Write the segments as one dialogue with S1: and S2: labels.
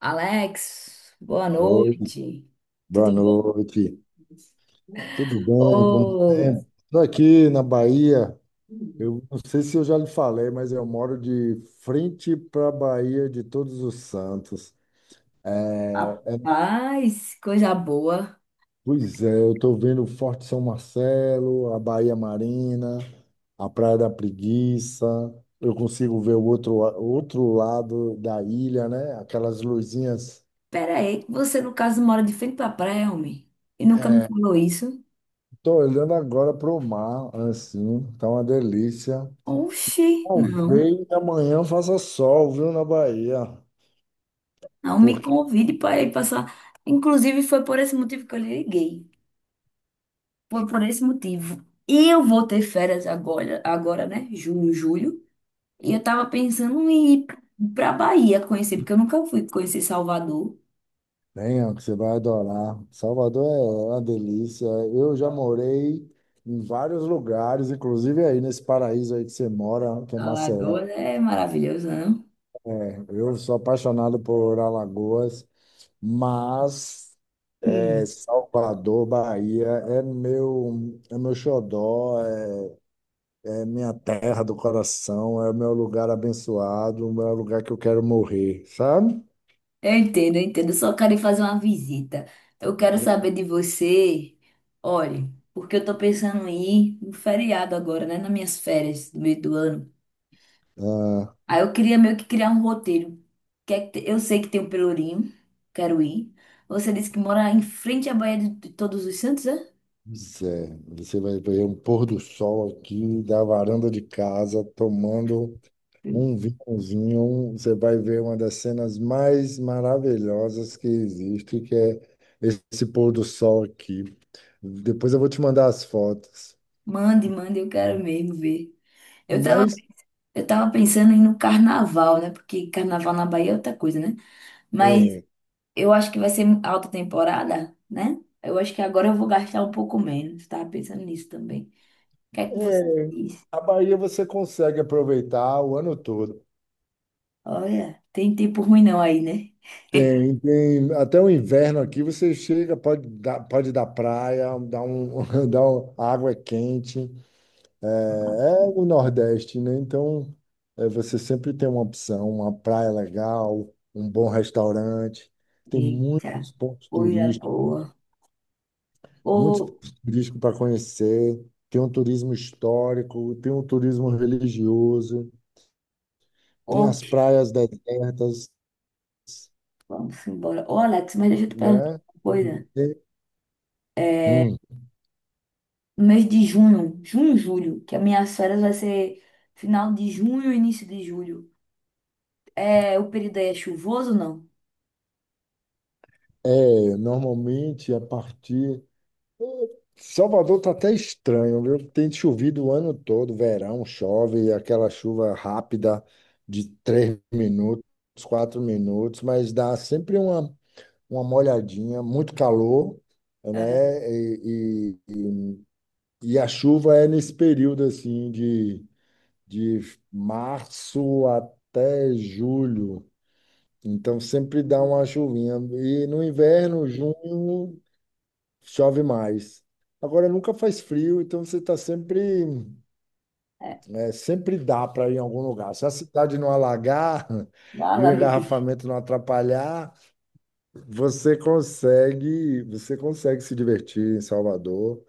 S1: Alex, boa
S2: Oi,
S1: noite.
S2: boa
S1: Tudo
S2: noite. Tudo bem? Como
S1: bom?
S2: sempre? Estou aqui na Bahia. Eu não sei se eu já lhe falei, mas eu moro de frente para a Bahia de Todos os Santos. É,
S1: Rapaz, coisa boa.
S2: pois é, eu estou vendo o Forte São Marcelo, a Bahia Marina, a Praia da Preguiça. Eu consigo ver o outro lado da ilha, né? Aquelas luzinhas.
S1: Pera aí, você no caso mora de frente pra praia, homem? E nunca me falou isso?
S2: Estou olhando agora para o mar, assim, tá uma delícia.
S1: Oxi, não.
S2: Talvez amanhã faça sol, viu, na Bahia.
S1: Não me
S2: Porque
S1: convide para ir passar. Inclusive, foi por esse motivo que eu lhe liguei. Foi por esse motivo. E eu vou ter férias agora, né? Junho, julho. E eu tava pensando em ir pra Bahia conhecer, porque eu nunca fui conhecer Salvador.
S2: tem, ó, que você vai adorar. Salvador é uma delícia. Eu já morei em vários lugares, inclusive aí nesse paraíso aí que você mora, que é Maceió.
S1: Alagoas é maravilhoso, não?
S2: Eu sou apaixonado por Alagoas, mas é,
S1: Hum.
S2: Salvador, Bahia, é meu xodó, é, é minha terra do coração, é o meu lugar abençoado, é o meu lugar que eu quero morrer, sabe?
S1: Eu entendo. Eu só quero ir fazer uma visita. Eu quero saber de você. Olha, porque eu tô pensando em ir no feriado agora, né? Nas minhas férias do meio do ano.
S2: Ah,
S1: Aí eu queria meio que criar um roteiro. Que é que te- Eu sei que tem um Pelourinho, quero ir. Você disse que mora em frente à Baía de Todos os Santos, é?
S2: Zé, você vai ver um pôr do sol aqui da varanda de casa, tomando
S1: Sim.
S2: um vinhozinho. Você vai ver uma das cenas mais maravilhosas que existe, que é esse pôr do sol aqui. Depois eu vou te mandar as fotos.
S1: Mande, mande, eu quero mesmo ver. Eu tava,
S2: Mas
S1: eu tava pensando em ir no carnaval, né? Porque carnaval na Bahia é outra coisa, né? Mas
S2: é,
S1: eu acho que vai ser alta temporada, né? Eu acho que agora eu vou gastar um pouco menos. Tava pensando nisso também. O que é que você
S2: é,
S1: diz?
S2: a Bahia você consegue aproveitar o ano todo.
S1: Olha, tem tempo ruim não aí, né?
S2: Tem, tem até o inverno aqui, você chega, pode dar praia, dar um, dar um, a água é quente. É, é no Nordeste, né? Então, é, você sempre tem uma opção, uma praia legal, um bom restaurante. Tem
S1: Eita, coisa boa. Ô,
S2: muitos pontos turísticos para conhecer. Tem um turismo histórico, tem um turismo religioso, tem
S1: ô,
S2: as praias desertas,
S1: vamos embora. Ô, Alex, mas deixa eu te perguntar
S2: né?
S1: uma coisa.
S2: Tem-
S1: É,
S2: Hum,
S1: no mês de junho, julho, que as minhas férias vai ser final de junho, início de julho. É, o período aí é chuvoso ou não?
S2: é, normalmente a partir Salvador tá até estranho, viu? Tem chovido o ano todo, verão, chove, aquela chuva rápida de três minutos, quatro minutos, mas dá sempre uma molhadinha, muito calor,
S1: É,
S2: né? E a chuva é nesse período assim de março até julho. Então sempre dá uma chuvinha. E no inverno, junho chove mais. Agora nunca faz frio, então você está sempre,
S1: é,
S2: é, sempre dá para ir em algum lugar. Se a cidade não alagar
S1: vai
S2: e o
S1: lá, meu querido.
S2: engarrafamento não atrapalhar, você consegue se divertir em Salvador,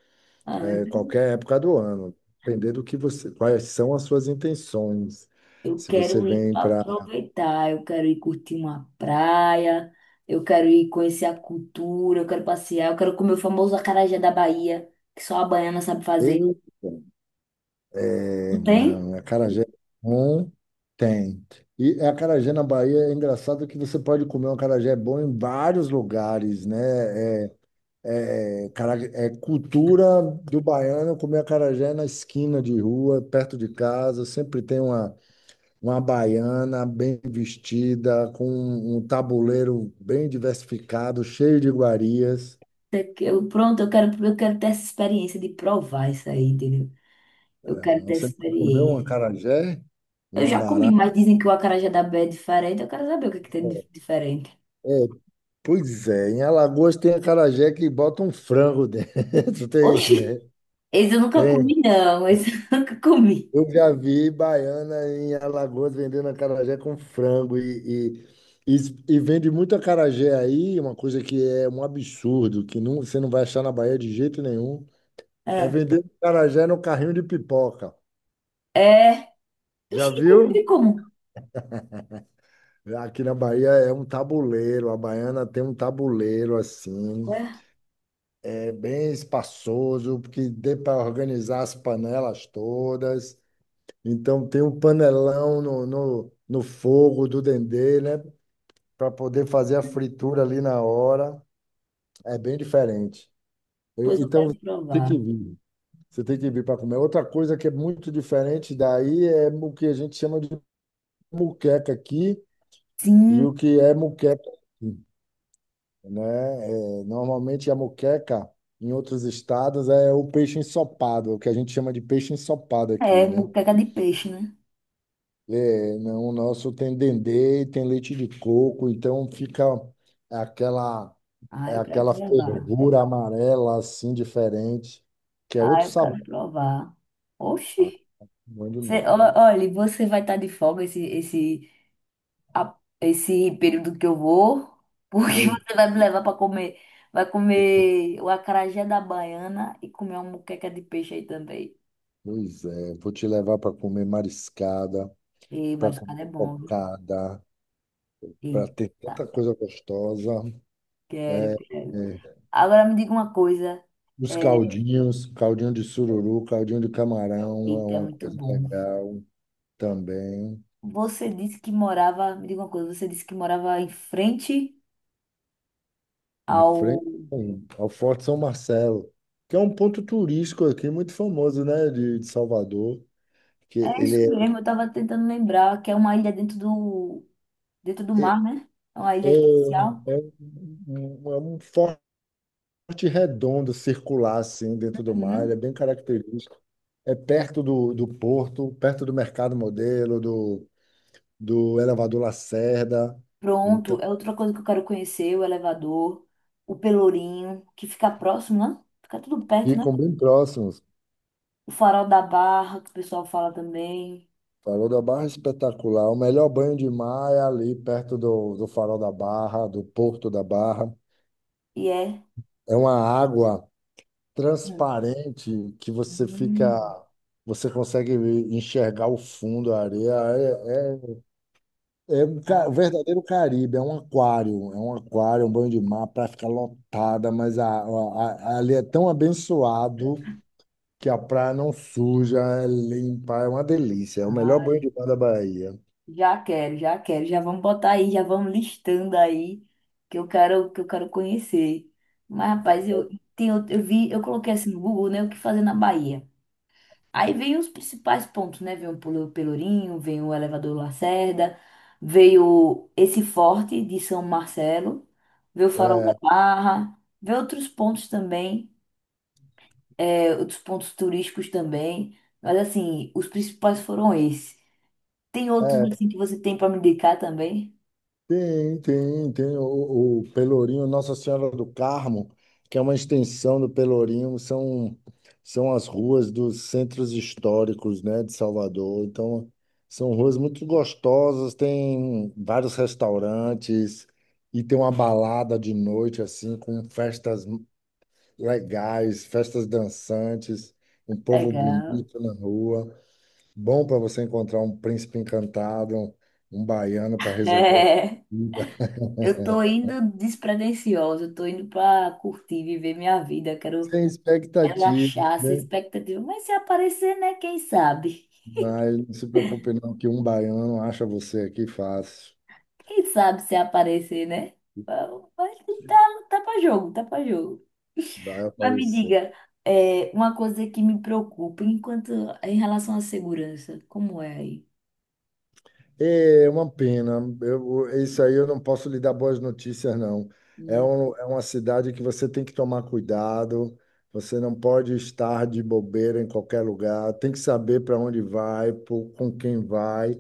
S1: Ah,
S2: é,
S1: então
S2: qualquer época do ano, depender do que você, quais são as suas intenções.
S1: eu
S2: Se você
S1: quero ir
S2: vem
S1: pra
S2: para
S1: aproveitar, eu quero ir curtir uma praia, eu quero ir conhecer a cultura, eu quero passear, eu quero comer o famoso acarajé da Bahia, que só a baiana sabe fazer.
S2: É,
S1: Não tem?
S2: Não, é acarajé bom tem. E é acarajé na Bahia é engraçado que você pode comer um acarajé bom em vários lugares, né? É, cara- é cultura do baiano comer acarajé na esquina de rua, perto de casa. Sempre tem uma baiana bem vestida, com um tabuleiro bem diversificado, cheio de iguarias.
S1: Pronto, eu quero ter essa experiência de provar isso aí, entendeu? Eu quero ter essa
S2: Você nunca comeu um
S1: experiência.
S2: acarajé?
S1: Eu
S2: Um
S1: já comi,
S2: abará?
S1: mas dizem que o acarajé da Bahia é diferente, eu quero saber o que é que tem de diferente.
S2: Pois é, em Alagoas tem acarajé que bota um frango dentro, tem, né?
S1: Oxi, esse eu nunca
S2: Tem.
S1: comi, não, esse eu nunca comi.
S2: Eu já vi baiana em Alagoas vendendo acarajé com frango e vende muito acarajé aí, uma coisa que é um absurdo, que não, você não vai achar na Bahia de jeito nenhum, é
S1: Ah,
S2: vender acarajé no carrinho de pipoca.
S1: é.
S2: Já
S1: Oxi, ele
S2: viu?
S1: como?
S2: Aqui na Bahia é um tabuleiro, a baiana tem um tabuleiro assim,
S1: Ué?
S2: é bem espaçoso, porque dê para organizar as panelas todas. Então, tem um panelão no fogo do dendê, né? Para poder fazer a fritura ali na hora. É bem diferente.
S1: Pois
S2: E-
S1: eu
S2: Então,
S1: quero
S2: tem
S1: provar.
S2: que vir. Você tem que vir para comer. Outra coisa que é muito diferente daí é o que a gente chama de muqueca aqui e
S1: Sim,
S2: o que é muqueca. Né? É, normalmente a moqueca em outros estados é o peixe ensopado, o que a gente chama de peixe ensopado
S1: é
S2: aqui, né?
S1: moqueca de peixe, né?
S2: É, não, o nosso tem dendê, tem leite de coco, então fica aquela
S1: Ah,
S2: é
S1: eu quero
S2: aquela
S1: provar.
S2: fervura amarela assim diferente, que é
S1: Ah,
S2: outro
S1: eu
S2: sabor.
S1: quero provar.
S2: Ah,
S1: Oxi.
S2: bom demais.
S1: Olha, você vai estar de folga esse período que eu vou, porque
S2: Eu,
S1: você vai me levar para comer. Vai comer o acarajé da baiana e comer uma moqueca de peixe aí também.
S2: pois é, vou te levar para comer mariscada,
S1: Ei,
S2: para
S1: mas o
S2: comer
S1: cara é bom, viu?
S2: cocada, para ter
S1: Eita,
S2: tanta coisa gostosa.
S1: quero,
S2: É,
S1: quero.
S2: é,
S1: Agora me diga uma coisa.
S2: Os
S1: É,
S2: caldinhos, caldinho de sururu, caldinho de camarão é
S1: eita, é
S2: uma
S1: muito
S2: coisa
S1: bom.
S2: legal também.
S1: Você disse que morava, me diga uma coisa, você disse que morava em frente
S2: Em
S1: ao.
S2: frente ao Forte São Marcelo, que é um ponto turístico aqui muito famoso, né, de Salvador, que
S1: É isso
S2: ele é,
S1: mesmo, eu tava tentando lembrar que é uma ilha dentro do
S2: é, é,
S1: mar, né? É uma ilha artificial.
S2: é é um forte redondo, circular assim dentro do mar, ele é
S1: Uhum.
S2: bem característico. É perto do, do porto, perto do Mercado Modelo, do, do Elevador Lacerda. Então,
S1: Pronto, é outra coisa que eu quero conhecer, o elevador, o Pelourinho, que fica próximo, né? Fica tudo perto, né?
S2: ficam bem próximos.
S1: O Farol da Barra, que o pessoal fala também.
S2: Farol da Barra é espetacular. O melhor banho de mar é ali perto do, do Farol da Barra, do Porto da Barra.
S1: E é.
S2: É uma água
S1: Hum.
S2: transparente que você fica,
S1: Hum.
S2: você consegue enxergar o fundo, a areia. É um ca- um verdadeiro Caribe, é um aquário, um banho de mar, a praia fica lotada, mas a- ali é tão abençoado que a praia não suja, é limpa, é uma delícia. É o melhor banho
S1: Ah,
S2: de mar da Bahia.
S1: já quero já vamos botar aí, já vamos listando aí que eu quero conhecer. Mas, rapaz, eu tenho, eu vi, eu coloquei assim no Google, né, o que fazer na Bahia. Aí vem os principais pontos, né? Vem o Pelourinho, vem o Elevador Lacerda, veio esse forte de São Marcelo, veio o Farol da
S2: É,
S1: Barra, veio outros pontos também, é, outros pontos turísticos também. Mas assim, os principais foram esses. Tem outros
S2: é
S1: assim que você tem para me indicar também?
S2: Tem, tem, tem o Pelourinho Nossa Senhora do Carmo, que é uma extensão do Pelourinho, são, são as ruas dos centros históricos, né, de Salvador. Então, são ruas muito gostosas, tem vários restaurantes e tem uma balada de noite, assim, com festas legais, festas dançantes, um povo
S1: Legal.
S2: bonito na rua. Bom para você encontrar um príncipe encantado, um baiano para resolver
S1: É,
S2: a vida.
S1: eu tô indo despretensiosa, eu tô indo pra curtir, viver minha vida, quero
S2: Sem expectativa,
S1: relaxar, sem
S2: né?
S1: expectativa. Mas se aparecer, né? Quem sabe?
S2: Mas não se preocupe não, que um baiano acha você aqui fácil.
S1: Quem sabe se aparecer, né? Mas tá, tá pra jogo.
S2: Vai
S1: Mas me
S2: aparecer.
S1: diga, é, uma coisa que me preocupa enquanto em relação à segurança, como é aí?
S2: É uma pena. Eu, isso aí eu não posso lhe dar boas notícias, não. É,
S1: Hum,
S2: um, é uma cidade que você tem que tomar cuidado. Você não pode estar de bobeira em qualquer lugar. Tem que saber para onde vai, por- com quem vai,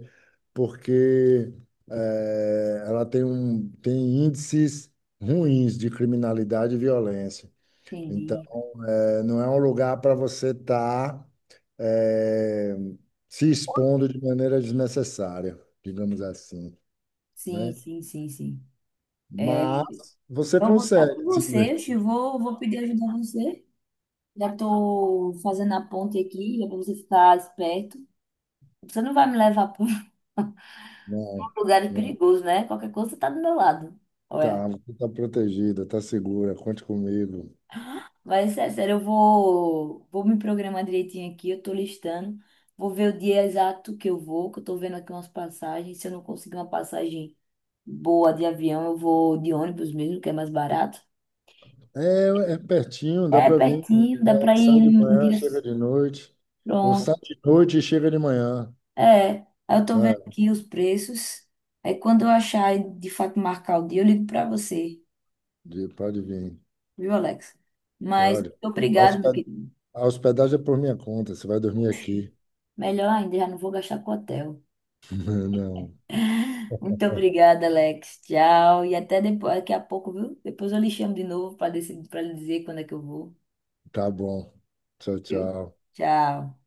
S2: porque ela tem, um, tem índices ruins de criminalidade e violência. Então,
S1: Entendi.
S2: é, não é um lugar para você estar se expondo de maneira desnecessária, digamos assim,
S1: Sim,
S2: né?
S1: sim, sim, sim. É,
S2: Mas você
S1: eu vou estar com
S2: consegue se
S1: você,
S2: divertir.
S1: vou pedir ajuda a você. Já tô fazendo a ponte aqui, já pra você ficar esperto. Você não vai me levar para um
S2: Não,
S1: lugar
S2: não.
S1: perigoso, né? Qualquer coisa você tá do meu lado. Olha.
S2: Tá, você está protegida, está segura, conte comigo.
S1: Mas é sério, vou me programar direitinho aqui, eu tô listando. Vou ver o dia exato que eu vou, que eu tô vendo aqui umas passagens. Se eu não conseguir uma passagem boa de avião, eu vou de ônibus mesmo, que é mais barato.
S2: É, é pertinho, dá
S1: É
S2: para vir.
S1: pertinho, dá
S2: Né?
S1: pra ir
S2: Sai de
S1: em
S2: manhã, chega
S1: dias.
S2: de noite. Ou sai de noite e chega de manhã.
S1: É, aí eu tô vendo
S2: É,
S1: aqui os preços. Aí quando eu achar e de fato marcar o dia, eu ligo pra você,
S2: de- pode vir,
S1: viu, Alex? Mas
S2: pode.
S1: muito
S2: A
S1: obrigado,
S2: hosped-
S1: meu querido.
S2: a hospedagem é por minha conta, você vai dormir aqui.
S1: Melhor ainda, já não vou gastar com hotel.
S2: Não.
S1: Muito obrigada, Alex. Tchau. E até depois, daqui a pouco, viu? Depois eu lhe chamo de novo para decidir, para lhe dizer quando é que eu vou,
S2: Tá bom. Tchau,
S1: viu?
S2: tchau.
S1: Tchau.